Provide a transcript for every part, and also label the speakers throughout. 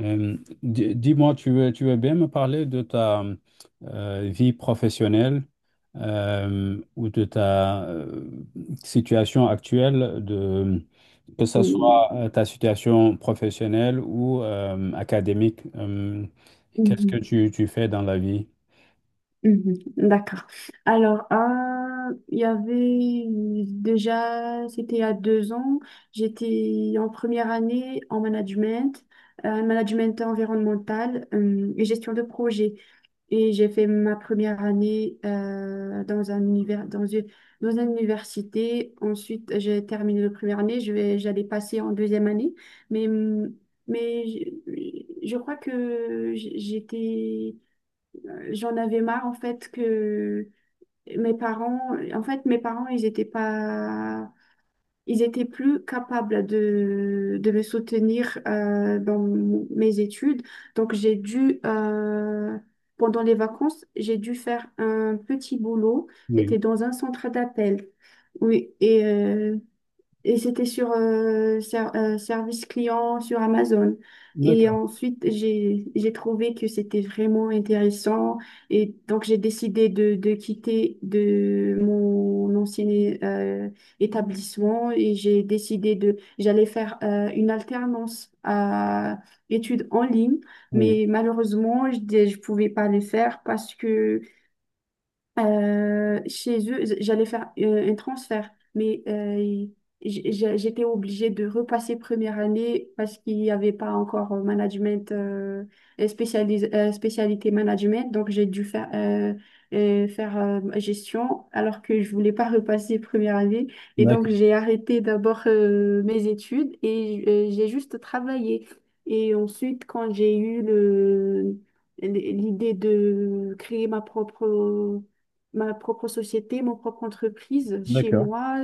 Speaker 1: Euh, dis-moi, tu veux bien me parler de ta vie professionnelle ou de ta situation actuelle, de, que ce soit
Speaker 2: Mhm,
Speaker 1: ta situation professionnelle ou académique. Qu'est-ce que
Speaker 2: mhm,
Speaker 1: tu fais dans la vie?
Speaker 2: mhm. D'accord. Alors, il y avait déjà, c'était il y a deux ans, j'étais en première année en management, management environnemental et gestion de projet. Et j'ai fait ma première année dans un univers, dans une université. Ensuite, j'ai terminé la première année, j'allais passer en deuxième année. Mais, hum, mais je crois que j'étais. J'en avais marre en fait que mes parents, en fait mes parents ils étaient pas, ils étaient plus capables de me soutenir dans mes études. Donc j'ai dû, pendant les vacances, j'ai dû faire un petit boulot.
Speaker 1: Oui,
Speaker 2: J'étais dans un centre d'appel. Oui, et c'était sur service client sur Amazon. Et
Speaker 1: d'accord.
Speaker 2: ensuite, j'ai trouvé que c'était vraiment intéressant. Et donc, j'ai décidé de quitter de mon ancien euh, établissement et j'ai décidé de, j'allais faire une alternance à études en ligne.
Speaker 1: Oui,
Speaker 2: Mais malheureusement, je ne pouvais pas les faire parce que chez eux, j'allais faire un transfert, mais j'étais obligée de repasser première année parce qu'il n'y avait pas encore management, spécialité management, donc j'ai dû faire, faire gestion alors que je voulais pas repasser première année. Et donc
Speaker 1: d'accord,
Speaker 2: j'ai arrêté d'abord mes études et j'ai juste travaillé. Et ensuite, quand j'ai eu le l'idée de créer ma propre société, mon propre entreprise chez
Speaker 1: d'accord,
Speaker 2: moi,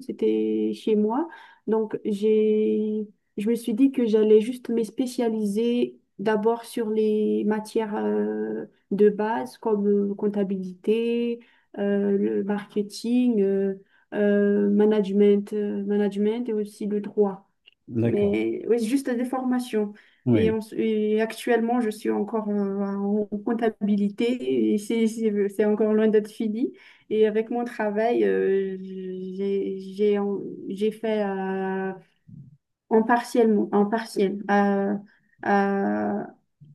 Speaker 2: c'était chez moi. Donc, je me suis dit que j'allais juste me spécialiser d'abord sur les matières de base comme comptabilité, le marketing, management, management et aussi le droit.
Speaker 1: d'accord,
Speaker 2: Mais oui, c'est juste des formations. Et,
Speaker 1: oui.
Speaker 2: et actuellement, je suis encore en comptabilité et c'est encore loin d'être fini. Et avec mon travail, j'ai fait en partiel, en partiel, à,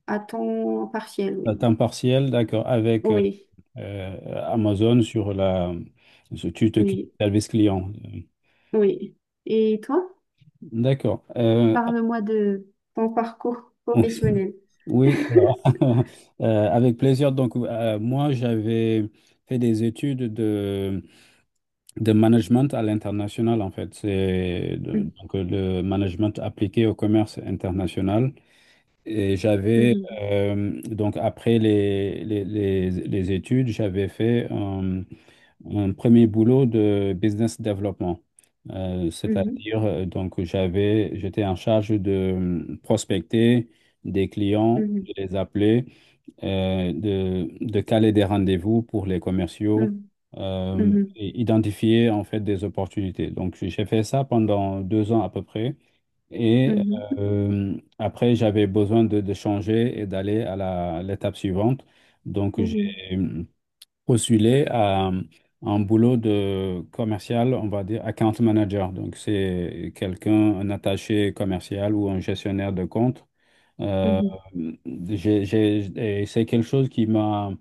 Speaker 2: à temps partiel,
Speaker 1: À
Speaker 2: oui.
Speaker 1: temps partiel, d'accord, avec
Speaker 2: Oui,
Speaker 1: Amazon Tu t'occupes du
Speaker 2: oui,
Speaker 1: service client.
Speaker 2: oui. Et toi,
Speaker 1: D'accord.
Speaker 2: parle-moi de ton parcours professionnel.
Speaker 1: Oui, alors, avec plaisir. Donc, moi, j'avais fait des études de management à l'international, en fait. C'est de-
Speaker 2: Mhm,
Speaker 1: donc euh, le management appliqué au commerce international. Et j'avais,
Speaker 2: mhm,
Speaker 1: donc après les études, j'avais fait un premier boulot de business development.
Speaker 2: mhm,
Speaker 1: C'est-à-dire, donc j'étais en charge de prospecter des clients, de les appeler, de caler des rendez-vous pour les commerciaux,
Speaker 2: mhm, mhm,
Speaker 1: et identifier en fait des opportunités. Donc j'ai fait ça pendant 2 ans à peu près. Et
Speaker 2: mhm. mhm.
Speaker 1: après, j'avais besoin de changer et d'aller l'étape suivante. Donc,
Speaker 2: Mhm,
Speaker 1: j'ai postulé à un boulot de commercial, on va dire account manager. Donc, c'est quelqu'un, un attaché commercial ou un gestionnaire de compte. Euh,
Speaker 2: mhm,
Speaker 1: et c'est quelque chose qui m'a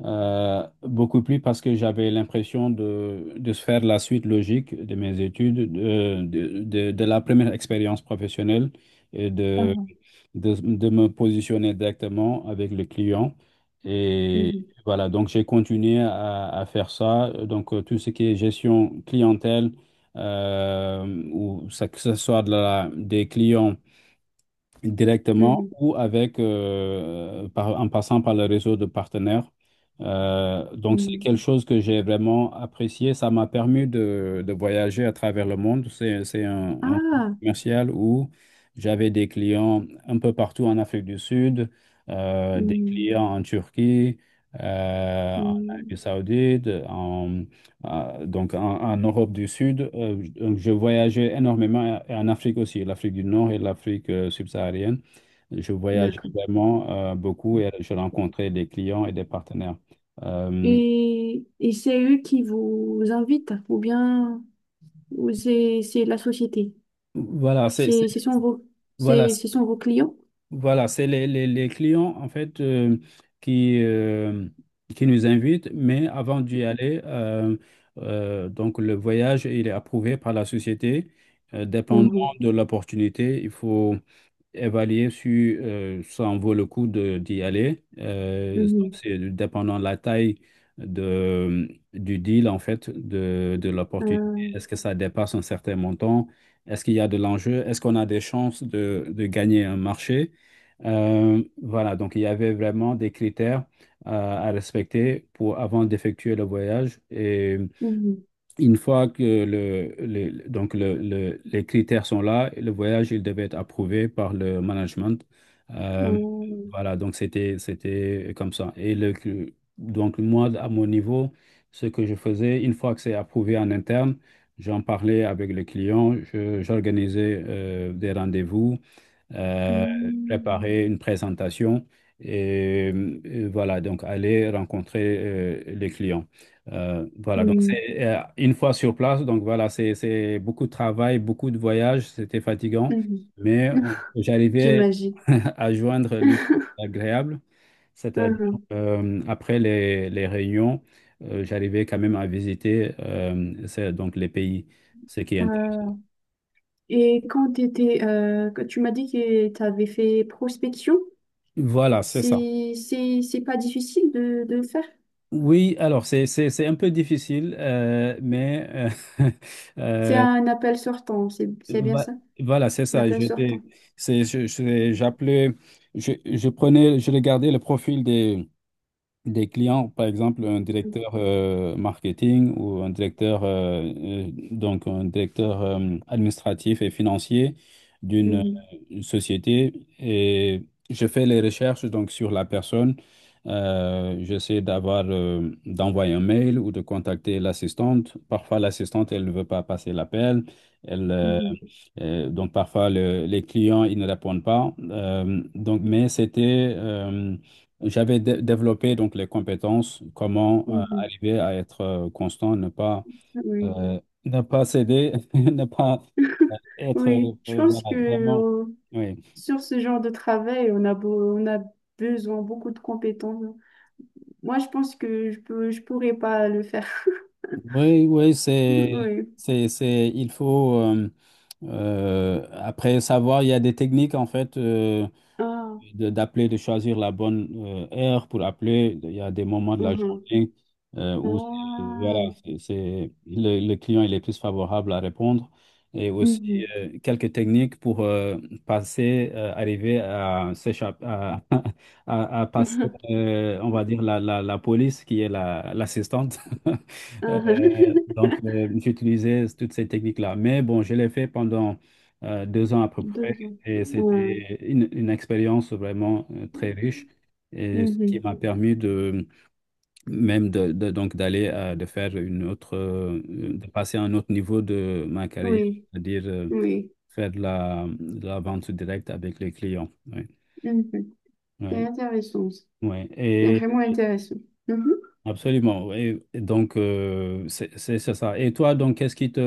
Speaker 1: beaucoup plus parce que j'avais l'impression de se faire la suite logique de mes études, de la première expérience professionnelle et de,
Speaker 2: Mhm.
Speaker 1: de, de me positionner directement avec le client. Et
Speaker 2: mhm,
Speaker 1: voilà, donc j'ai continué à faire ça. Donc tout ce qui est gestion clientèle, euh, ou que ce soit des clients directement
Speaker 2: mhm,
Speaker 1: ou en passant par le réseau de partenaires. Donc c'est
Speaker 2: mhm.
Speaker 1: quelque chose que j'ai vraiment apprécié. Ça m'a permis de voyager à travers le monde. C'est un
Speaker 2: Ah,
Speaker 1: commercial où j'avais des clients un peu partout en Afrique du Sud, des
Speaker 2: mhm,
Speaker 1: clients en Turquie, en Arabie
Speaker 2: mhm.
Speaker 1: Saoudite, donc en Europe du Sud. Je voyageais énormément et en Afrique aussi, l'Afrique du Nord et l'Afrique subsaharienne. Je voyageais
Speaker 2: D'accord.
Speaker 1: vraiment beaucoup et je rencontrais des clients et des partenaires. Euh,
Speaker 2: Et c'est eux qui vous invitent ou bien ou c'est la société,
Speaker 1: voilà,
Speaker 2: c'est ce sont vos
Speaker 1: voilà,
Speaker 2: c'est
Speaker 1: c'est-
Speaker 2: ce sont vos clients.
Speaker 1: voilà, c'est les clients en fait qui, euh, qui nous invitent, mais avant d'y aller, donc le voyage, il est approuvé par la société. Dépendant
Speaker 2: Mhm,
Speaker 1: de l'opportunité, il faut évaluer si ça en vaut le coup d'y aller. Donc,
Speaker 2: mhm,
Speaker 1: c'est dépendant de la taille de, du deal, en fait, de l'opportunité.
Speaker 2: euh,
Speaker 1: Est-ce que ça dépasse un certain montant? Est-ce qu'il y a de l'enjeu? Est-ce qu'on a des chances de gagner un marché? Voilà, donc il y avait vraiment des critères à respecter avant d'effectuer le voyage. Et
Speaker 2: mhm,
Speaker 1: une fois que les critères sont là, le voyage, il devait être approuvé par le management. Mhm.
Speaker 2: euh,
Speaker 1: Voilà, donc c'était comme ça. Et donc moi, à mon niveau, ce que je faisais, une fois que c'est approuvé en interne, j'en parlais avec le client, j'organisais des rendez-vous euh, préparer une présentation et, voilà, donc aller rencontrer les clients. Voilà, donc
Speaker 2: mhm,
Speaker 1: c'est une fois sur place, donc voilà, c'est beaucoup de travail, beaucoup de voyages, c'était fatigant,
Speaker 2: mhm,
Speaker 1: mais
Speaker 2: mhm.
Speaker 1: j'arrivais
Speaker 2: J'imagine.
Speaker 1: à joindre l'utile à l'agréable, c'est-à-dire
Speaker 2: Mhm.
Speaker 1: après les réunions, j'arrivais quand même à visiter donc les pays, ce qui est
Speaker 2: Euh,
Speaker 1: intéressant.
Speaker 2: et quand tu étais, tu m'as dit que tu avais fait prospection.
Speaker 1: Voilà, c'est ça.
Speaker 2: C'est pas difficile de le faire.
Speaker 1: Oui, alors c'est un peu difficile, mais euh,
Speaker 2: C'est
Speaker 1: euh,
Speaker 2: un appel sortant, c'est bien
Speaker 1: va-
Speaker 2: ça,
Speaker 1: voilà, c'est
Speaker 2: un
Speaker 1: ça.
Speaker 2: appel sortant.
Speaker 1: J'appelais, je prenais, je regardais le profil des clients, par exemple un directeur marketing ou un directeur administratif et financier d'une
Speaker 2: Mhm,
Speaker 1: une société et je fais les recherches donc sur la personne. J'essaie d'envoyer un mail ou de contacter l'assistante. Parfois l'assistante elle ne veut pas passer l'appel. Elle
Speaker 2: mhm,
Speaker 1: Donc parfois les clients ils ne répondent pas. Donc mais c'était j'avais développé donc les compétences, comment
Speaker 2: mhm.
Speaker 1: arriver à être constant,
Speaker 2: Oui.
Speaker 1: euh, ne pas céder, ne pas être
Speaker 2: Oui, je pense que
Speaker 1: voilà, vraiment. Oui,
Speaker 2: sur ce genre de travail, on a besoin beaucoup de compétences. Moi, je pense que je pourrais pas le faire.
Speaker 1: oui, oui,
Speaker 2: Oui.
Speaker 1: il faut après savoir, il y a des techniques en fait
Speaker 2: Ah,
Speaker 1: d'appeler, de choisir la bonne heure pour appeler. Il y a des moments de la
Speaker 2: mhm.
Speaker 1: journée où
Speaker 2: Ah,
Speaker 1: le client il est plus favorable à répondre. Et aussi
Speaker 2: mhm.
Speaker 1: quelques techniques pour arriver à s'échapper, à passer, on va dire, la police qui est l'assistante.
Speaker 2: Ah.
Speaker 1: Donc, j'utilisais toutes ces techniques-là. Mais bon, je l'ai fait pendant 2 ans à peu près
Speaker 2: Deux ans.
Speaker 1: et
Speaker 2: Ah,
Speaker 1: c'était une expérience vraiment très riche et ce qui
Speaker 2: mhm.
Speaker 1: m'a permis de même de faire une autre, de passer à un autre niveau de ma carrière,
Speaker 2: Oui,
Speaker 1: c'est-à-dire
Speaker 2: oui.
Speaker 1: faire de la vente directe avec les clients. Oui,
Speaker 2: Mhm. C'est
Speaker 1: oui,
Speaker 2: intéressant. Ça. C'est
Speaker 1: oui.
Speaker 2: vraiment intéressant. Mhm.
Speaker 1: Absolument. Et donc, c'est ça. Et toi, donc, qu'est-ce qui te,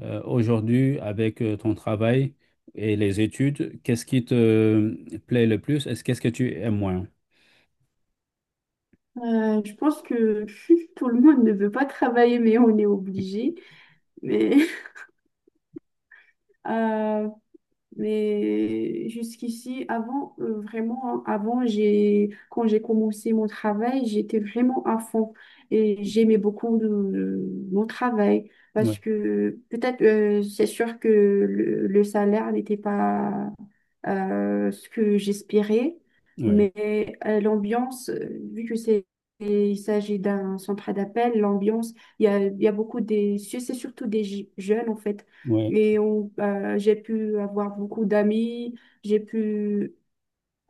Speaker 1: euh, aujourd'hui, avec ton travail et les études, qu'est-ce qui te plaît le plus? Est-ce qu'est-ce que tu aimes moins?
Speaker 2: Je pense que tout le monde ne veut pas travailler, mais on est obligé. Mais euh, mais jusqu'ici, avant, vraiment, hein, avant, quand j'ai commencé mon travail, j'étais vraiment à fond et j'aimais beaucoup mon travail
Speaker 1: Oui,
Speaker 2: parce que peut-être, c'est sûr que le salaire n'était pas ce que j'espérais,
Speaker 1: oui,
Speaker 2: mais l'ambiance, vu que c'est, et il s'agit d'un centre d'appel, l'ambiance, il y a beaucoup des, c'est surtout des jeunes en fait.
Speaker 1: oui,
Speaker 2: Et j'ai pu avoir beaucoup d'amis, j'ai pu,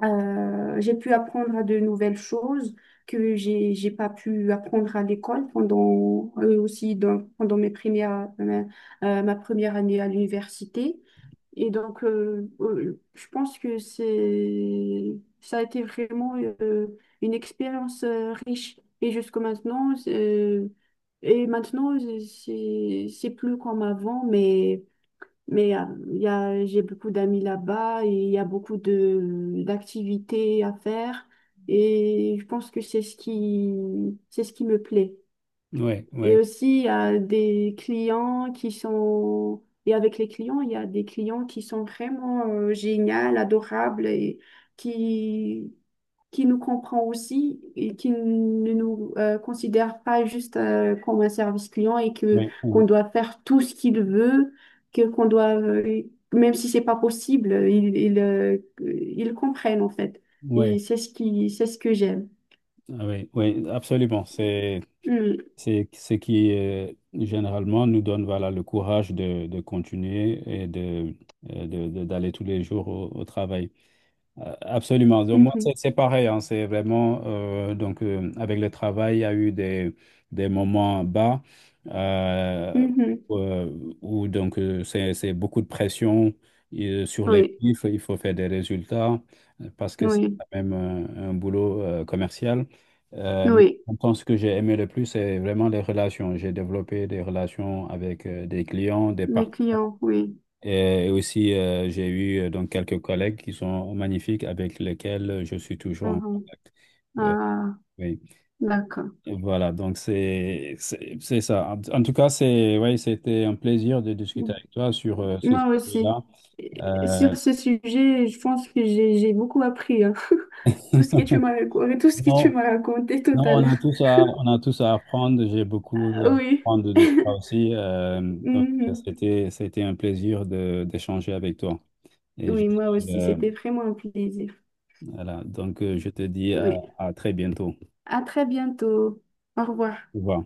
Speaker 2: j'ai pu apprendre à de nouvelles choses que j'ai pas pu apprendre à l'école pendant, aussi pendant ma première année à l'université. Et donc, je pense que c'est, ça a été vraiment euh, une expérience riche. Et jusqu'à maintenant, et maintenant, c'est plus comme avant, mais il y a, j'ai beaucoup d'amis là-bas et il y a beaucoup d'activités à faire. Et je pense que c'est ce qui me plaît.
Speaker 1: oui,
Speaker 2: Et
Speaker 1: oui,
Speaker 2: aussi, il y a des clients qui sont. Et avec les clients, il y a des clients qui sont vraiment géniaux, adorables et qui, qui nous comprend aussi et qui ne nous considère pas juste comme un service client et que
Speaker 1: oui,
Speaker 2: qu'on
Speaker 1: oui,
Speaker 2: doit faire tout ce qu'il veut, que qu'on doit même si c'est pas possible, ils comprennent en fait.
Speaker 1: oui,
Speaker 2: Et c'est ce que j'aime.
Speaker 1: ah oui, oui, absolument. C'est,
Speaker 2: Mm.
Speaker 1: c'est ce qui, généralement, nous donne, voilà, le courage de continuer et d'aller tous les jours au travail. Absolument. Donc, moi,
Speaker 2: Mhm.
Speaker 1: c'est pareil. Hein. C'est vraiment, donc, avec le travail, il y a eu des moments bas euh,
Speaker 2: Mhm.
Speaker 1: où donc, c'est beaucoup de pression sur les
Speaker 2: Oui,
Speaker 1: chiffres. Il faut faire des résultats parce que c'est
Speaker 2: oui,
Speaker 1: quand même un boulot commercial. Mais
Speaker 2: oui.
Speaker 1: en même temps, ce que j'ai aimé le plus, c'est vraiment les relations. J'ai développé des relations avec des clients, des
Speaker 2: Mes
Speaker 1: partenaires.
Speaker 2: clients, oui.
Speaker 1: Et aussi, j'ai eu donc quelques collègues qui sont magnifiques avec lesquels je suis toujours en
Speaker 2: Mhm.
Speaker 1: contact. Euh,
Speaker 2: Ah,
Speaker 1: oui.
Speaker 2: d'accord.
Speaker 1: Voilà, donc c'est ça. En tout cas, c'est oui, c'était un plaisir de discuter avec toi sur ce
Speaker 2: Moi aussi.
Speaker 1: sujet-là.
Speaker 2: Et sur
Speaker 1: Euh,
Speaker 2: ce sujet, je pense que j'ai beaucoup appris, hein. Tout ce que tu
Speaker 1: non,
Speaker 2: m'as raconté tout
Speaker 1: non,
Speaker 2: à l'heure.
Speaker 1: on a tous à apprendre. J'ai beaucoup à
Speaker 2: Oui.
Speaker 1: apprendre de toi aussi. Donc
Speaker 2: Mhm.
Speaker 1: c'était un plaisir de d'échanger avec toi. Et
Speaker 2: Oui, moi aussi.
Speaker 1: euh,
Speaker 2: C'était vraiment un plaisir.
Speaker 1: voilà, donc je te dis à,
Speaker 2: Oui.
Speaker 1: à très bientôt.
Speaker 2: À très bientôt. Au revoir.
Speaker 1: Au revoir.